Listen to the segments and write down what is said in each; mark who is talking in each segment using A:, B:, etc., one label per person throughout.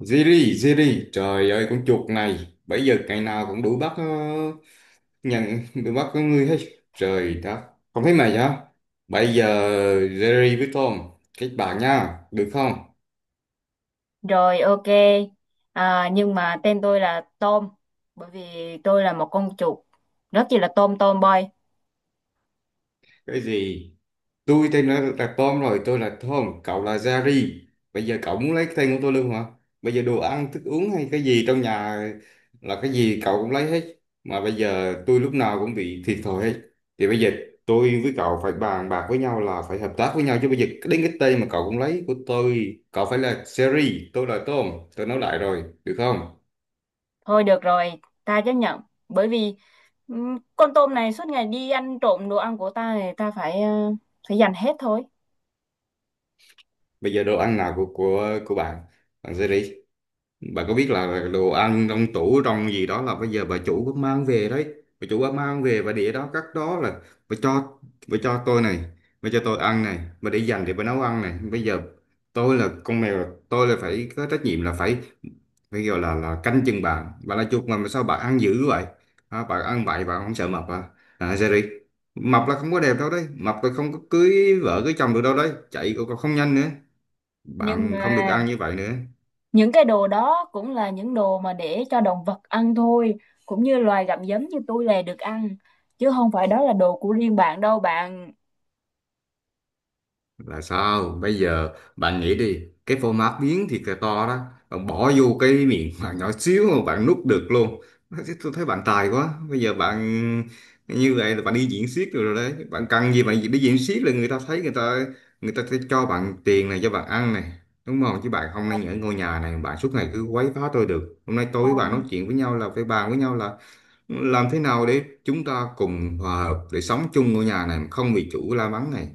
A: Ziri, Ziri, trời ơi con chuột này, bây giờ ngày nào cũng đuổi bắt nhận đuổi bắt con người hết. Trời đất, không thấy mày hả? Bây giờ Ziri với Tom kết bạn nha, được không?
B: Rồi, ok. À, nhưng mà tên tôi là Tôm, bởi vì tôi là một con chuột rất chỉ là tôm tôm boy.
A: Cái gì? Tôi tên là Tom, rồi tôi là Tom, cậu là Jerry. Bây giờ cậu muốn lấy cái tên của tôi luôn hả? Bây giờ đồ ăn thức uống hay cái gì trong nhà là cái gì cậu cũng lấy hết, mà bây giờ tôi lúc nào cũng bị thiệt thòi hết. Thì bây giờ tôi với cậu phải bàn bạc với nhau, là phải hợp tác với nhau chứ. Bây giờ đến cái tên mà cậu cũng lấy của tôi, cậu phải là Jerry, tôi là Tom. Tôi nói lại rồi, được không?
B: Thôi được rồi, ta chấp nhận, bởi vì con tôm này suốt ngày đi ăn trộm đồ ăn của ta thì ta phải phải dành hết thôi.
A: Bây giờ đồ ăn nào của bạn, bạn Jerry, bà có biết là đồ ăn trong tủ trong gì đó là bây giờ bà chủ có mang về đấy. Bà chủ có mang về và để đó cắt đó, là bà cho, bà cho tôi này, bà cho tôi ăn này, bà để dành để bà nấu ăn này. Bây giờ tôi là con mèo, tôi là phải có trách nhiệm là phải, phải gọi là canh chừng bà. Bà là chuột mà sao bà ăn dữ vậy? À, bà ăn bậy bà không sợ mập à? À Jerry, mập là không có đẹp đâu đấy, mập là không có cưới vợ cưới chồng được đâu đấy, chạy cũng không nhanh nữa.
B: Nhưng
A: Bạn
B: mà
A: không được ăn như vậy nữa.
B: những cái đồ đó cũng là những đồ mà để cho động vật ăn thôi, cũng như loài gặm nhấm như tôi là được ăn, chứ không phải đó là đồ của riêng bạn đâu bạn.
A: Là sao bây giờ? Bạn nghĩ đi, cái format biến thiệt là to đó, bạn bỏ vô cái miệng bạn nhỏ xíu mà bạn nuốt được luôn. Thế tôi thấy bạn tài quá. Bây giờ bạn như vậy là bạn đi diễn xiếc rồi đấy, bạn cần gì, bạn đi diễn xiếc là người ta thấy, người ta sẽ cho bạn tiền này, cho bạn ăn này, đúng không? Chứ bạn không nên ở ngôi nhà này bạn suốt ngày cứ quấy phá tôi được. Hôm nay tôi
B: Ờ,
A: với bạn nói chuyện với nhau là phải bàn với nhau là làm thế nào để chúng ta cùng hòa hợp để sống chung ngôi nhà này không bị chủ la mắng này.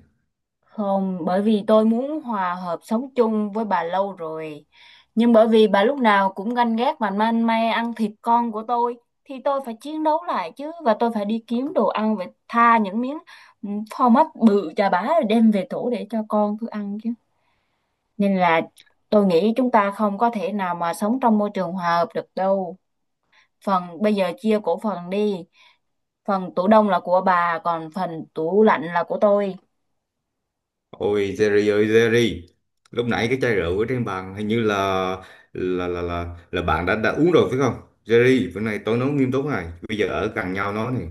B: không, bởi vì tôi muốn hòa hợp sống chung với bà lâu rồi. Nhưng bởi vì bà lúc nào cũng ganh ghét và man may ăn thịt con của tôi, thì tôi phải chiến đấu lại chứ. Và tôi phải đi kiếm đồ ăn và tha những miếng ừ, phô mát bự chà bá rồi đem về tổ để cho con tôi ăn chứ. Nên là tôi nghĩ chúng ta không có thể nào mà sống trong môi trường hòa hợp được đâu. Phần bây giờ chia cổ phần đi. Phần tủ đông là của bà, còn phần tủ lạnh là của tôi.
A: Ôi Jerry ơi Jerry, lúc nãy cái chai rượu ở trên bàn hình như là là bạn đã uống rồi phải không? Jerry, bữa nay tôi nói nghiêm túc này, bây giờ ở gần nhau nói này,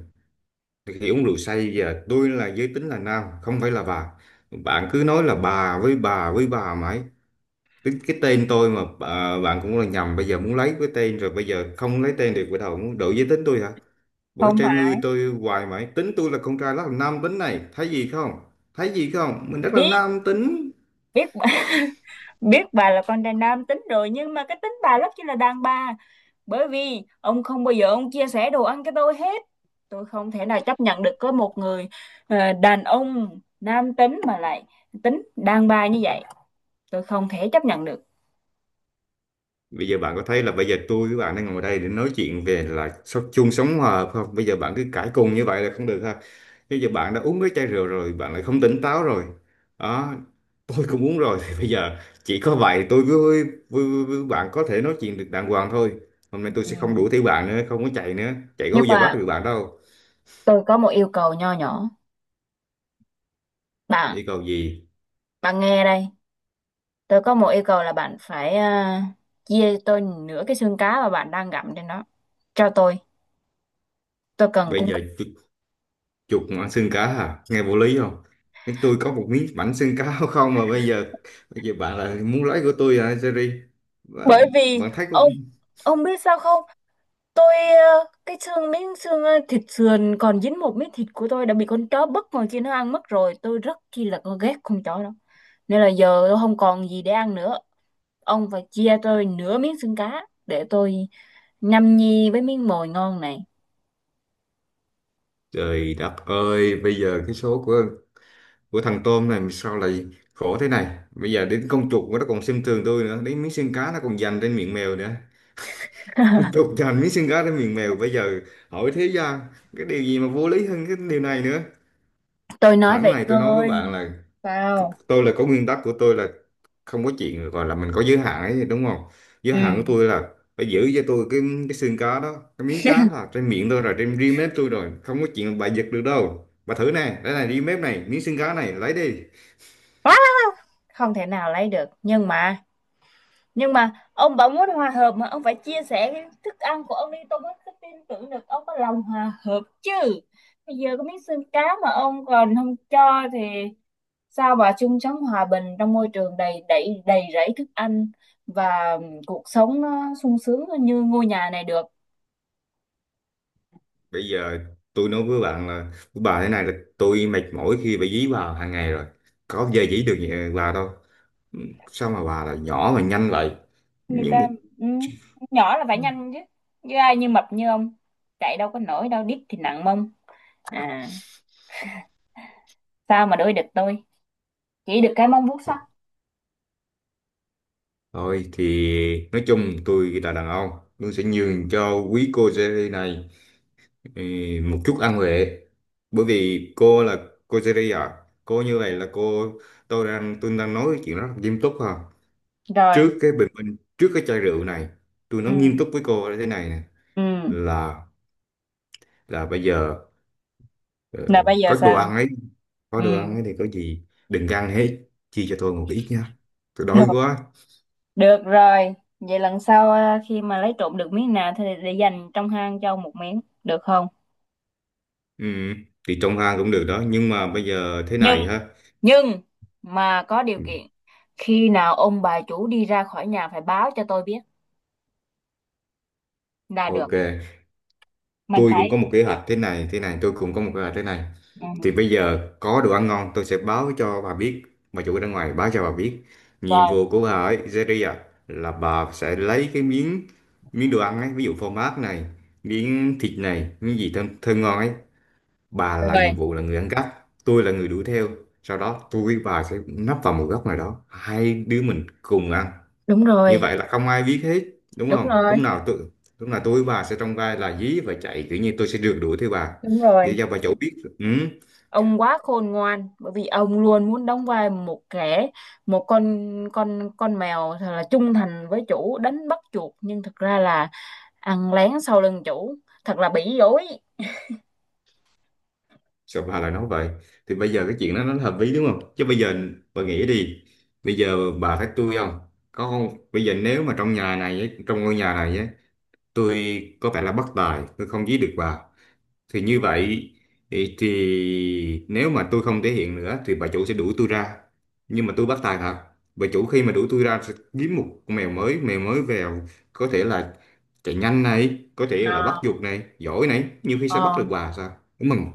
A: khi uống rượu say, giờ tôi là giới tính là nam, không phải là bà. Bạn cứ nói là bà với bà với bà mãi. Cái tên tôi mà bạn cũng là nhầm. Bây giờ muốn lấy cái tên rồi, bây giờ không lấy tên được, bắt đầu muốn đổi giới tính tôi hả? Bữa
B: Không
A: treo
B: phải.
A: ngươi tôi hoài mãi, tính tôi là con trai rất là nam tính này, thấy gì không? Thấy gì không, mình rất là
B: Biết,
A: nam tính.
B: biết, biết bà là con trai nam tính rồi, nhưng mà cái tính bà rất chi là đàn bà. Bởi vì ông không bao giờ ông chia sẻ đồ ăn cho tôi hết, tôi không thể nào chấp nhận được có một người đàn ông nam tính mà lại tính đàn bà như vậy. Tôi không thể chấp nhận được.
A: Bây giờ bạn có thấy là bây giờ tôi với bạn đang ngồi đây để nói chuyện về là sống chung sống hòa không? Bây giờ bạn cứ cãi cùn như vậy là không được ha. Bây giờ bạn đã uống mấy chai rượu rồi, bạn lại không tỉnh táo rồi. Đó, tôi cũng uống rồi thì bây giờ chỉ có vậy tôi với bạn có thể nói chuyện được đàng hoàng thôi. Hôm nay tôi
B: Ừ,
A: sẽ không đuổi theo bạn nữa, không có chạy nữa. Chạy có
B: nhưng
A: bao giờ bắt
B: mà
A: được bạn đâu.
B: tôi có một yêu cầu nho nhỏ. Bạn,
A: Chỉ cầu gì?
B: bạn nghe đây. Tôi có một yêu cầu là bạn phải chia tôi nửa cái xương cá mà bạn đang gặm trên đó cho tôi. Tôi cần
A: Bây
B: cung
A: giờ
B: cấp.
A: tôi, chuột mà ăn xương cá hả, nghe vô lý không? Nhưng tôi có một miếng bánh xương cá không, mà bây giờ, bây giờ bạn là muốn lấy của tôi hả Jerry?
B: Bởi
A: bạn,
B: vì
A: bạn thấy
B: ông
A: cũng,
B: ông biết sao không, tôi cái xương miếng xương thịt sườn còn dính một miếng thịt của tôi đã bị con chó bất ngờ kia nó ăn mất rồi. Tôi rất chi là con ghét con chó đó. Nên là giờ tôi không còn gì để ăn nữa. Ông phải chia tôi nửa miếng xương cá để tôi nhâm nhi với miếng mồi ngon này.
A: trời đất ơi, bây giờ cái số của thằng tôm này sao lại khổ thế này, bây giờ đến con chuột nó còn xem thường tôi nữa, đến miếng xương cá nó còn giành trên miệng mèo nữa. Con chuột giành miếng xương cá trên miệng mèo, bây giờ hỏi thế gian cái điều gì mà vô lý hơn cái điều này nữa.
B: Tôi nói
A: Sẵn
B: vậy
A: này tôi nói với
B: tôi
A: bạn là,
B: vào.
A: tôi là có nguyên tắc của tôi là không có chuyện gọi là mình có giới hạn ấy, đúng không? Giới
B: Ừ,
A: hạn của tôi là phải giữ cho tôi cái xương cá đó, cái miếng cá đó là trên miệng tôi rồi, trên ri mép tôi rồi, không có chuyện bà giật được đâu. Bà thử nè, đây này, ri mép này, miếng xương cá này, lấy đi.
B: quá, không thể nào lấy được, nhưng mà ông bảo muốn hòa hợp mà ông phải chia sẻ cái thức ăn của ông đi, tôi mới cứ tin tưởng được ông có lòng hòa hợp chứ. Bây giờ có miếng xương cá mà ông còn không cho thì sao mà chung sống hòa bình trong môi trường đầy đầy đầy rẫy thức ăn và cuộc sống nó sung sướng như ngôi nhà này được.
A: Bây giờ tôi nói với bạn là, với bà thế này là, tôi mệt mỏi khi phải dí bà hàng ngày rồi. Có bao giờ dí được nhà bà đâu. Ừ, sao mà bà là nhỏ mà nhanh vậy?
B: Người
A: Nhưng
B: ta,
A: mà,
B: ừ, nhỏ là phải nhanh chứ. Như ai như mập như ông chạy đâu có nổi, đâu đít thì nặng mông. À, sao mà đuổi địch tôi, chỉ được cái mông vuốt sắt.
A: thôi thì nói chung tôi là đàn ông, tôi sẽ nhường cho quý cô Jerry này, ừ, một chút ân huệ. Bởi vì cô là, cô Jerry à, cô như vậy là cô, tôi đang nói chuyện rất là nghiêm túc ha.
B: Rồi.
A: Trước cái bình minh, trước cái chai rượu này, tôi nói nghiêm
B: Ừ.
A: túc với cô là thế này nè,
B: Ừ.
A: là là bây giờ, ờ,
B: Là bây giờ
A: có đồ
B: sao?
A: ăn ấy, có
B: Ừ,
A: đồ ăn ấy thì có gì đừng ăn hết, chia cho tôi một ít nha. Tôi đói
B: được,
A: quá.
B: được rồi. Vậy lần sau khi mà lấy trộm được miếng nào thì để dành trong hang cho ông một miếng được không?
A: Ừ, thì trong hang cũng được đó, nhưng mà bây giờ thế
B: nhưng
A: này ha.
B: nhưng mà có điều kiện, khi nào ông bà chủ đi ra khỏi nhà phải báo cho tôi biết là được.
A: Ok,
B: Mình
A: tôi cũng có
B: phải.
A: một kế hoạch thế này, tôi cũng có một kế hoạch thế này.
B: Ừ.
A: Thì bây giờ có đồ ăn ngon tôi sẽ báo cho bà biết, bà chủ ở bên ngoài báo cho bà biết. Nhiệm
B: Rồi.
A: vụ của bà ấy, Zeria, là bà sẽ lấy cái miếng, miếng đồ ăn ấy, ví dụ phô mát này, miếng thịt này, miếng gì thơm, thơm ngon ấy. Bà là
B: Rồi.
A: nhiệm vụ là người ăn cắp, tôi là người đuổi theo. Sau đó tôi với bà sẽ nấp vào một góc nào đó, hai đứa mình cùng ăn,
B: Đúng
A: như
B: rồi.
A: vậy là không ai biết hết, đúng
B: Đúng
A: không?
B: rồi.
A: Lúc nào tôi với bà sẽ trong vai là dí và chạy, kiểu như tôi sẽ rượt đuổi theo bà
B: Đúng
A: để
B: rồi.
A: cho bà chỗ biết. Ừ,
B: Ông quá khôn ngoan, bởi vì ông luôn muốn đóng vai một kẻ, một con mèo thật là trung thành với chủ đánh bắt chuột, nhưng thật ra là ăn lén sau lưng chủ. Thật là bỉ dối.
A: sao bà lại nói vậy? Thì bây giờ cái chuyện đó nó hợp lý, đúng không? Chứ bây giờ bà nghĩ đi, bây giờ bà thấy tôi không có không. Bây giờ nếu mà trong nhà này ấy, trong ngôi nhà này ấy, tôi có vẻ là bất tài, tôi không dí được bà, thì như vậy thì nếu mà tôi không thể hiện nữa thì bà chủ sẽ đuổi tôi ra. Nhưng mà tôi bắt tài thật. Bà chủ khi mà đuổi tôi ra sẽ kiếm một con mèo mới vào có thể là chạy nhanh này, có thể
B: Ờ,
A: là bắt giục này, giỏi này, nhiều khi sẽ
B: ờ,
A: bắt được bà sao? Đúng không?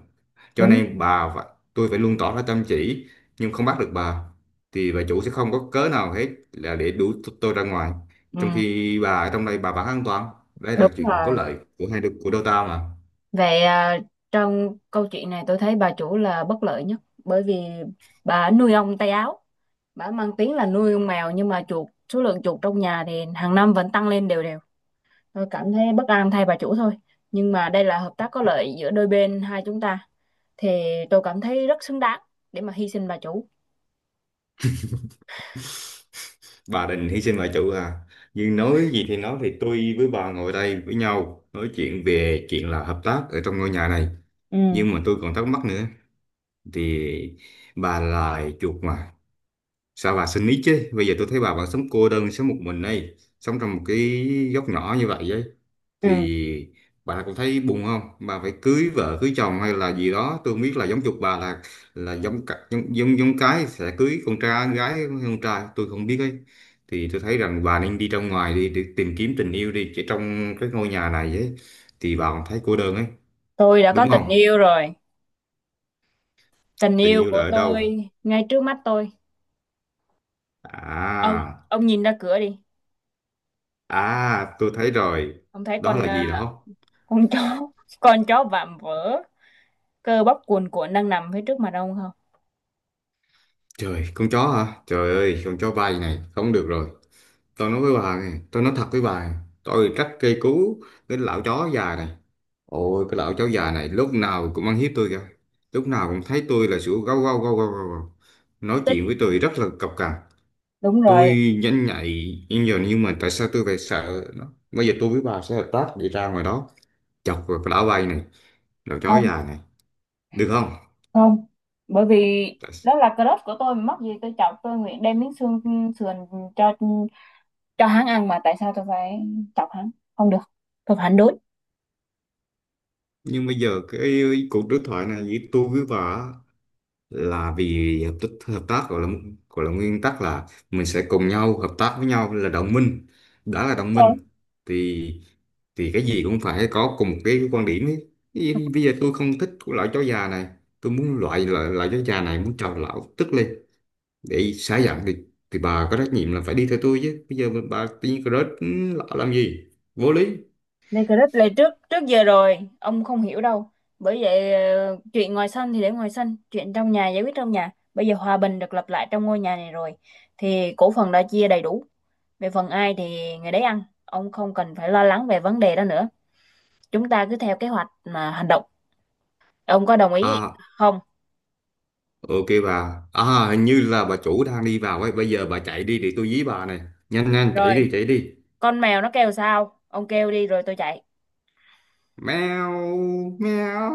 A: Cho
B: đúng.
A: nên bà và tôi phải luôn tỏ ra chăm chỉ nhưng không bắt được bà, thì bà chủ sẽ không có cớ nào hết là để đuổi tôi ra ngoài.
B: Ừ,
A: Trong khi bà ở trong đây bà vẫn an toàn. Đây là
B: đúng
A: chuyện có
B: rồi.
A: lợi của hai đứa, của đôi ta mà.
B: Vậy à, trong câu chuyện này tôi thấy bà chủ là bất lợi nhất, bởi vì bà nuôi ong tay áo. Bà mang tiếng là nuôi ong mèo nhưng mà chuột, số lượng chuột trong nhà thì hàng năm vẫn tăng lên đều đều. Tôi cảm thấy bất an thay bà chủ thôi. Nhưng mà đây là hợp tác có lợi giữa đôi bên hai chúng ta. Thì tôi cảm thấy rất xứng đáng để mà hy sinh bà chủ.
A: Bà định hy sinh bà chủ à? Nhưng nói gì thì nói, thì tôi với bà ngồi đây với nhau nói chuyện về chuyện là hợp tác ở trong ngôi nhà này,
B: Ừ,
A: nhưng mà tôi còn thắc mắc nữa. Thì bà là chuột mà, sao bà xin ý chứ? Bây giờ tôi thấy bà vẫn sống cô đơn, sống một mình đây, sống trong một cái góc nhỏ như vậy ấy,
B: ừ.
A: thì bà cũng thấy buồn không? Bà phải cưới vợ cưới chồng hay là gì đó, tôi không biết là giống chục bà là giống giống giống cái sẽ cưới con trai gái hay con trai tôi không biết ấy. Thì tôi thấy rằng bà nên đi ra ngoài đi để tìm kiếm tình yêu đi, chỉ trong cái ngôi nhà này ấy thì bà cũng thấy cô đơn ấy,
B: Tôi đã có
A: đúng không?
B: tình yêu rồi. Tình
A: Tình
B: yêu
A: yêu là
B: của
A: ở đâu?
B: tôi ngay trước mắt tôi. Ông,
A: À,
B: ông nhìn ra cửa đi.
A: à, tôi thấy rồi.
B: Ông thấy
A: Đó
B: con
A: là gì
B: à,
A: đó?
B: con chó, con chó vạm vỡ, cơ bắp cuồn cuộn đang nằm phía trước mặt ông không?
A: Trời, con chó hả? Trời ơi, con chó bay này, không được rồi. Tôi nói với bà này, tôi nói thật với bà này, tôi rất cây cú cái lão chó già này. Ôi, cái lão chó già này lúc nào cũng ăn hiếp tôi kìa. Lúc nào cũng thấy tôi là sủa gâu gâu gâu gâu gâu. Gâu. Nói chuyện với
B: Tích-
A: tôi rất là cộc cằn.
B: đúng rồi,
A: Tôi nhanh nhạy, nhưng giờ, nhưng mà tại sao tôi phải sợ nó? Bây giờ tôi với bà sẽ hợp tác đi ra ngoài đó, chọc vào cái lão bay này, lão chó
B: không,
A: già này, được không?
B: không. Bởi vì
A: Tại-
B: đó là crush của tôi mà mắc gì tôi chọc. Tôi nguyện đem miếng xương sườn cho cho hắn ăn mà tại sao tôi phải chọc hắn. Không được, tôi phản đối.
A: nhưng bây giờ cái cuộc đối thoại này với tôi với bà là vì hợp tác gọi là, gọi là nguyên tắc là mình sẽ cùng nhau hợp tác với nhau là đồng minh. Đã là đồng
B: Ôi,
A: minh thì thì cái gì cũng phải có cùng một cái quan điểm ấy. Bây giờ tôi không thích của loại chó già này, tôi muốn loại loại, loại chó già này muốn cho lão tức lên để xả giận, thì bà có trách nhiệm là phải đi theo tôi chứ. Bây giờ bà tự nhiên rớt lão làm gì, vô lý.
B: đây crush là trước trước giờ rồi, ông không hiểu đâu. Bởi vậy chuyện ngoài sân thì để ngoài sân, chuyện trong nhà giải quyết trong nhà. Bây giờ hòa bình được lập lại trong ngôi nhà này rồi thì cổ phần đã chia đầy đủ. Về phần ai thì người đấy ăn, ông không cần phải lo lắng về vấn đề đó nữa. Chúng ta cứ theo kế hoạch mà hành động. Ông có đồng ý
A: À,
B: không?
A: ok bà à, hình như là bà chủ đang đi vào ấy, bây giờ bà chạy đi để tôi dí bà này, nhanh nhanh chạy
B: Rồi,
A: đi chạy đi.
B: con mèo nó kêu sao? Ông kêu đi rồi tôi chạy.
A: Mèo, mèo.